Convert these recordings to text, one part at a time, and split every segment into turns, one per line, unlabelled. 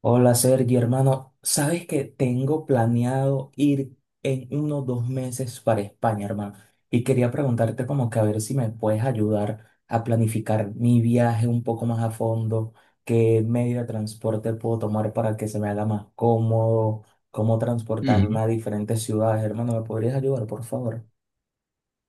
Hola Sergio, hermano. Sabes que tengo planeado ir en unos 2 meses para España, hermano. Y quería preguntarte como que a ver si me puedes ayudar a planificar mi viaje un poco más a fondo, qué medio de transporte puedo tomar para que se me haga más cómodo, cómo
Ujú.
transportarme a diferentes ciudades, hermano. ¿Me podrías ayudar, por favor?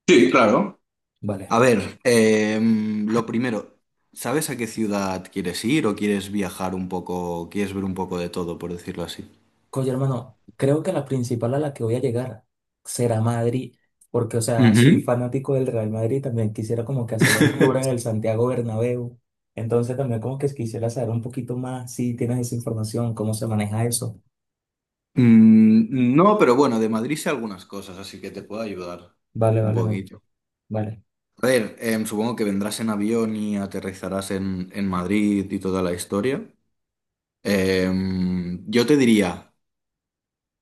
Sí, claro.
Vale.
A ver, lo primero, ¿sabes a qué ciudad quieres ir o quieres viajar un poco, quieres ver un poco de todo, por decirlo así?
Oye, hermano, creo que la principal a la que voy a llegar será Madrid, porque, o sea, soy
Ujú.
fanático del Real Madrid, también quisiera como que hacer el tour en el Santiago Bernabéu, entonces también como que quisiera saber un poquito más si tienes esa información, cómo se maneja eso.
No, pero bueno, de Madrid sé algunas cosas, así que te puedo ayudar
Vale,
un
vale,
poquito.
vale.
A ver, supongo que vendrás en avión y aterrizarás en Madrid y toda la historia. Yo te diría,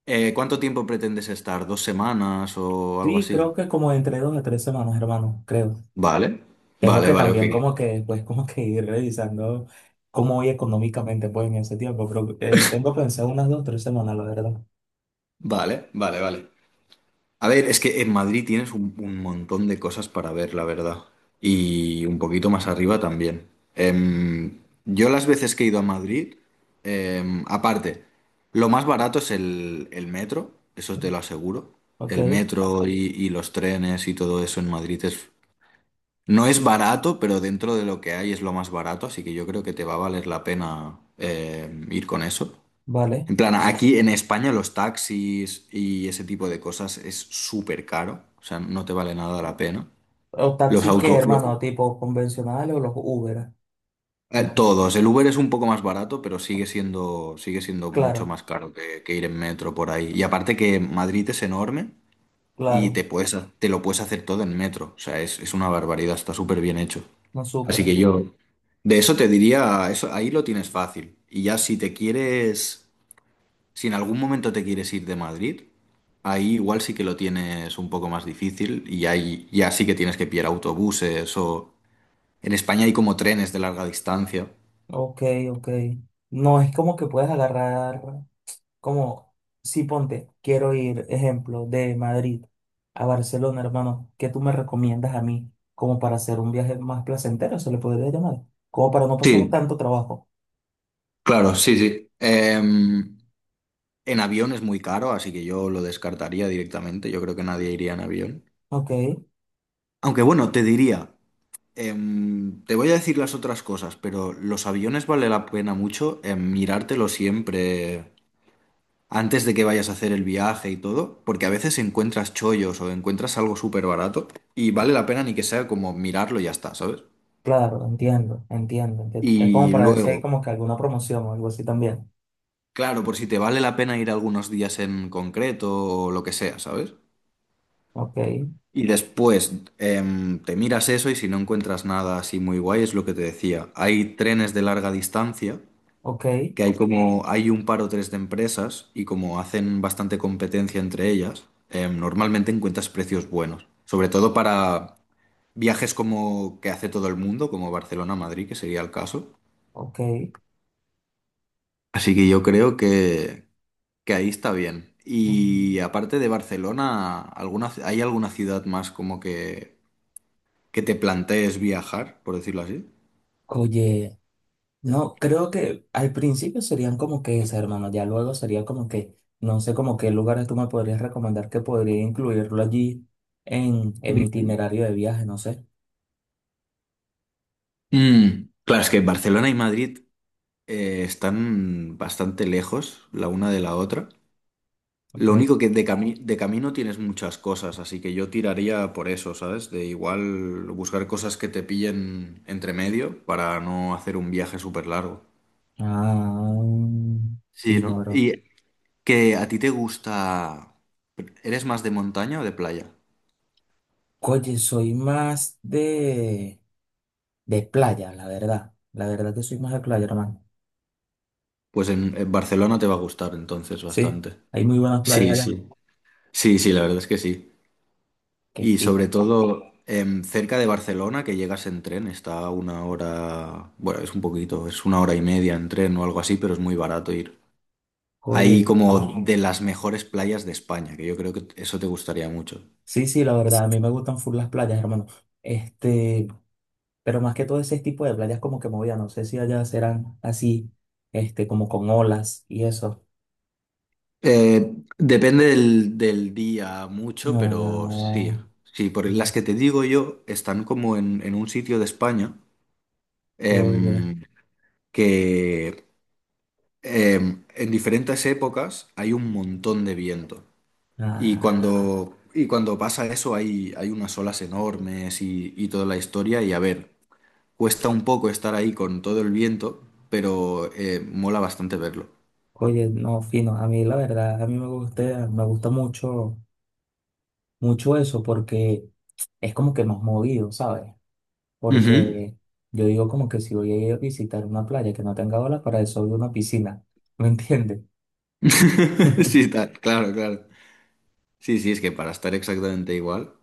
¿cuánto tiempo pretendes estar? ¿2 semanas o algo
Sí,
así?
creo que como entre 2 a 3 semanas, hermano, creo.
Vale,
Tengo
vale,
que
vale, ok.
también como que después como que ir revisando cómo voy económicamente pues en ese tiempo, pero tengo pensado unas 2 o 3 semanas, la verdad.
Vale, vale, vale. A ver, es que en Madrid tienes un montón de cosas para ver, la verdad. Y un poquito más arriba también. Em, yo las veces que he ido a Madrid, aparte, lo más barato es el metro, eso te lo aseguro.
Ok,
El metro y los trenes y todo eso en Madrid es... No es barato, pero dentro de lo que hay es lo más barato, así que yo creo que te va a valer la pena ir con eso.
vale.
En plan, aquí en España los taxis y ese tipo de cosas es súper caro, o sea, no te vale nada la pena.
O
Los
taxis que,
autos,
hermano, tipo convencionales o los Uber. No sé.
todos, el Uber es un poco más barato, pero sigue siendo mucho
Claro,
más caro que ir en metro por ahí. Y aparte que Madrid es enorme y
claro,
te lo puedes hacer todo en metro, o sea, es una barbaridad, está súper bien hecho.
no
Así
supera.
que yo, de eso te diría, eso, ahí lo tienes fácil. Y ya si te quieres... Si en algún momento te quieres ir de Madrid, ahí igual sí que lo tienes un poco más difícil y ahí ya sí que tienes que pillar autobuses o... En España hay como trenes de larga distancia.
Ok, ok. No es como que puedes agarrar, como, si ponte, quiero ir, ejemplo, de Madrid a Barcelona, hermano. ¿Qué tú me recomiendas a mí como para hacer un viaje más placentero, se le podría llamar? Como para no pasar
Sí,
tanto trabajo.
claro, sí, sí. En avión es muy caro, así que yo lo descartaría directamente. Yo creo que nadie iría en avión.
Ok,
Aunque bueno, te diría, te voy a decir las otras cosas, pero los aviones vale la pena mucho mirártelo siempre antes de que vayas a hacer el viaje y todo, porque a veces encuentras chollos o encuentras algo súper barato y vale la pena ni que sea como mirarlo y ya está, ¿sabes?
claro, entiendo, entiendo. Es como
Y
para ver si hay
luego,
como que alguna promoción o algo así también.
claro, por si te vale la pena ir algunos días en concreto o lo que sea, ¿sabes?
Ok,
Y después te miras eso y si no encuentras nada así muy guay, es lo que te decía. Hay trenes de larga distancia,
ok,
que hay como, hay un par o tres de empresas y como hacen bastante competencia entre ellas, normalmente encuentras precios buenos. Sobre todo para viajes como que hace todo el mundo, como Barcelona-Madrid, que sería el caso.
ok.
Así que yo creo que ahí está bien.
Mm.
Y aparte de Barcelona, ¿alguna, hay alguna ciudad más como que te plantees viajar, por decirlo así?
Oye, no, creo que al principio serían como que esas, hermano. Ya luego sería como que, no sé, como qué lugares tú me podrías recomendar que podría incluirlo allí en mi
Ujú.
itinerario de viaje, no sé.
Claro, es que Barcelona y Madrid están bastante lejos la una de la otra.
Ok.
Lo único que de camino tienes muchas cosas, así que yo tiraría por eso, ¿sabes? De igual buscar cosas que te pillen entre medio para no hacer un viaje súper largo.
Ah,
Sí,
fino,
¿no?
bro.
Y que a ti te gusta... ¿Eres más de montaña o de playa?
Oye, soy más de playa, la verdad. La verdad que soy más de playa, hermano.
Pues en Barcelona te va a gustar entonces
Sí,
bastante.
hay muy buenas playas
Sí,
allá.
sí. Sí, sí, la verdad es que sí.
Qué
Y sobre
fino.
todo cerca de Barcelona, que llegas en tren, está a una hora, bueno, es un poquito, es una hora y media en tren o algo así, pero es muy barato ir.
Oye,
Hay
bien.
como de las mejores playas de España, que yo creo que eso te gustaría mucho.
Sí, sí, la verdad, a mí me gustan full las playas, hermano. Este. Pero más que todo ese tipo de playas como que movidas no sé si allá serán así, como con olas y eso.
Depende del día mucho, pero sí,
No,
sí, por las que te digo yo están como en un sitio de España
oye,
em, que en diferentes épocas hay un montón de viento. Y
ah,
cuando, y cuando pasa eso hay unas olas enormes y toda la historia. Y a ver, cuesta un poco estar ahí con todo el viento, pero mola bastante verlo.
oye, no, fino. A mí la verdad, a mí me gusta mucho, mucho eso porque es como que más movido, ¿sabes?
Ujú.
Porque yo digo como que si voy a ir a visitar una playa que no tenga olas, para eso voy a una piscina, ¿me entiendes?
Sí, está, claro, claro. Sí, sí, es que para estar exactamente igual.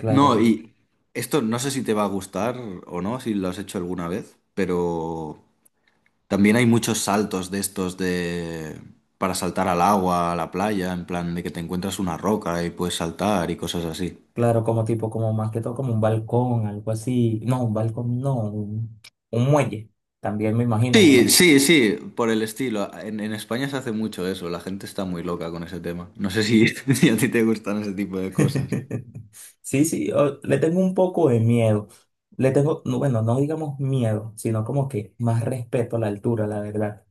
Claro.
No, y esto no sé si te va a gustar o no, si lo has hecho alguna vez, pero también hay muchos saltos de estos de... para saltar al agua, a la playa, en plan de que te encuentras una roca y puedes saltar y cosas así.
Claro, como tipo, como más que todo como un balcón, algo así. No, un balcón, no, un muelle, también me imagino, ¿o
Sí,
no?
sí, sí, por el estilo. En España se hace mucho eso, la gente está muy loca con ese tema. No sé si, si a ti te gustan ese tipo de cosas.
Sí, sí, le tengo un poco de miedo. Le tengo, no, bueno, no digamos miedo, sino como que más respeto a la altura, la verdad.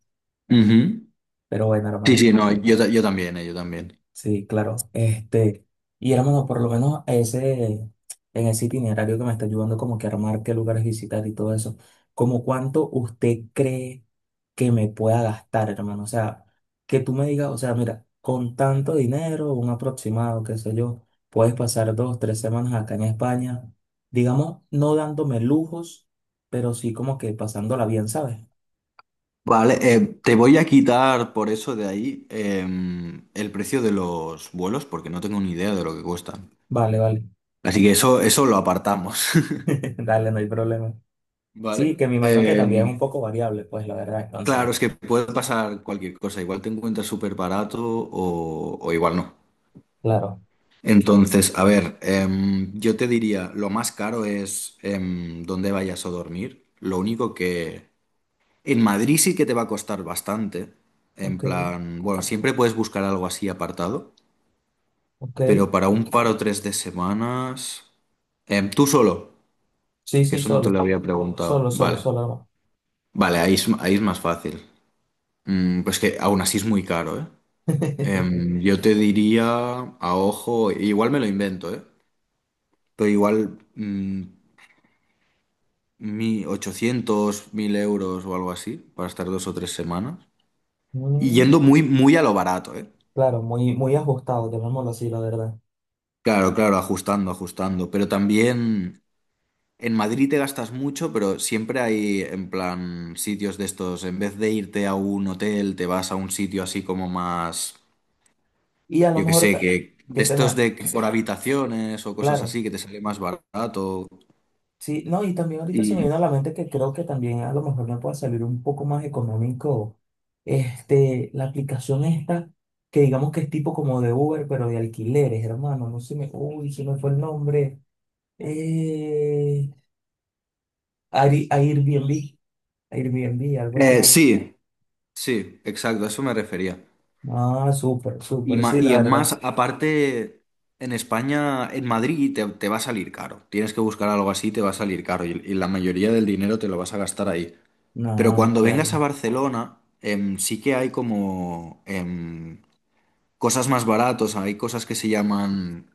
Ujú.
Pero bueno,
Sí,
hermano.
sí, no, yo también, yo también.
Sí, claro. Y hermano, por lo menos ese, en ese itinerario que me está ayudando como que a armar qué lugares visitar y todo eso, ¿como cuánto usted cree que me pueda gastar, hermano? O sea, que tú me digas, o sea, mira, con tanto dinero, un aproximado, qué sé yo, puedes pasar 2 o 3 semanas acá en España, digamos, no dándome lujos, pero sí como que pasándola bien, ¿sabes?
Vale, te voy a quitar por eso de ahí el precio de los vuelos porque no tengo ni idea de lo que cuestan.
Vale, vale.
Así que eso lo apartamos.
Dale, no hay problema. Sí,
Vale.
que me imagino que también es un poco variable, pues la verdad, entonces.
Claro, es que puede pasar cualquier cosa. Igual te encuentras súper barato o igual no.
Claro,
Entonces, a ver, yo te diría, lo más caro es dónde vayas a dormir. Lo único que en Madrid sí que te va a costar bastante. En
ok,
plan, bueno, siempre puedes buscar algo así apartado,
ok.
pero para un par o tres de semanas... Tú solo,
Sí,
que
sí,
eso no te lo
solo,
había preguntado.
solo, solo,
Vale,
solo.
vale, ahí es más fácil. Pues que aún así es muy caro, ¿eh? Yo te diría, a ojo, igual me lo invento, ¿eh? Pero igual mi 800.000 € o algo así, para estar 2 o 3 semanas.
No.
Y
Mm,
yendo muy, muy a lo barato, ¿eh?
claro, muy, muy ajustado, llamémoslo así, la verdad.
Claro, claro, ajustando, ajustando. Pero también en Madrid te gastas mucho, pero siempre hay, en plan, sitios de estos. En vez de irte a un hotel, te vas a un sitio así como más,
Y a lo
yo qué
mejor
sé, que
que
de
se
estos
me,
de por habitaciones o cosas
claro,
así, que te sale más barato.
sí, no, y también ahorita se me
Y...
viene a la mente que creo que también a lo mejor me puede salir un poco más económico, este, la aplicación esta, que digamos que es tipo como de Uber, pero de alquileres, hermano, no se me, uy, se me fue el nombre, eh, Airbnb, Airbnb, algo así.
Sí, sí, exacto, a eso me refería.
Ah, súper,
Y,
súper,
ma-
sí, la
y más,
verdad.
aparte, en España, en Madrid, te va a salir caro. Tienes que buscar algo así, te va a salir caro. Y la mayoría del dinero te lo vas a gastar ahí.
No,
Pero cuando
ok.
vengas a Barcelona, sí que hay como cosas más baratos. Hay cosas que se llaman...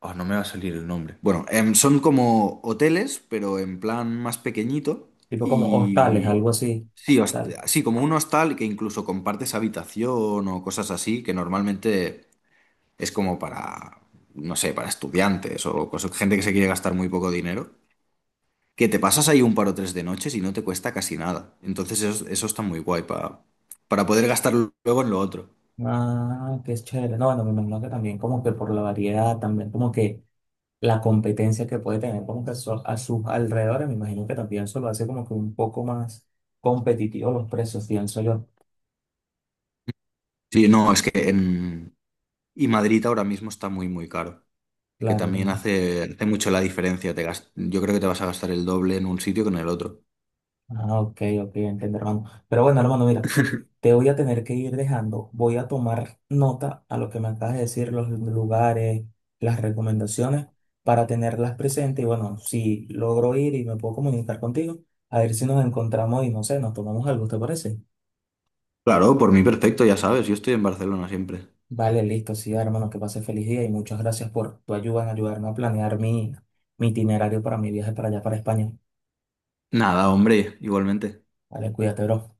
Oh, no me va a salir el nombre. Bueno, son como hoteles, pero en plan más pequeñito.
Tipo como hostales,
Y...
algo así.
Sí,
Hostales.
como un hostal que incluso compartes habitación o cosas así, que normalmente es como para, no sé, para estudiantes o gente que se quiere gastar muy poco dinero, que te pasas ahí un par o tres de noches y no te cuesta casi nada. Entonces eso está muy guay para poder gastarlo luego en lo otro.
Ah, qué chévere. No, bueno, me imagino que también como que por la variedad, también como que la competencia que puede tener como que a sus alrededores, me imagino que también eso lo hace como que un poco más competitivo los precios, pienso yo.
Sí, no, es que en... Y Madrid ahora mismo está muy, muy caro, que
Claro.
también hace mucho la diferencia. Yo creo que te vas a gastar el doble en un sitio que en el otro.
Ah, ok, ok, entiendo, hermano. Pero bueno, hermano, mira, te voy a tener que ir dejando. Voy a tomar nota a lo que me acabas de decir, los lugares, las recomendaciones, para tenerlas presentes. Y bueno, si logro ir y me puedo comunicar contigo, a ver si nos encontramos y no sé, nos tomamos algo, ¿te parece?
Claro, por mí perfecto, ya sabes, yo estoy en Barcelona siempre.
Vale, listo, sí, hermano, que pase feliz día y muchas gracias por tu ayuda en ayudarme a planear mi, mi itinerario para mi viaje para allá, para España.
Nada, hombre, igualmente.
Vale, cuídate, bro.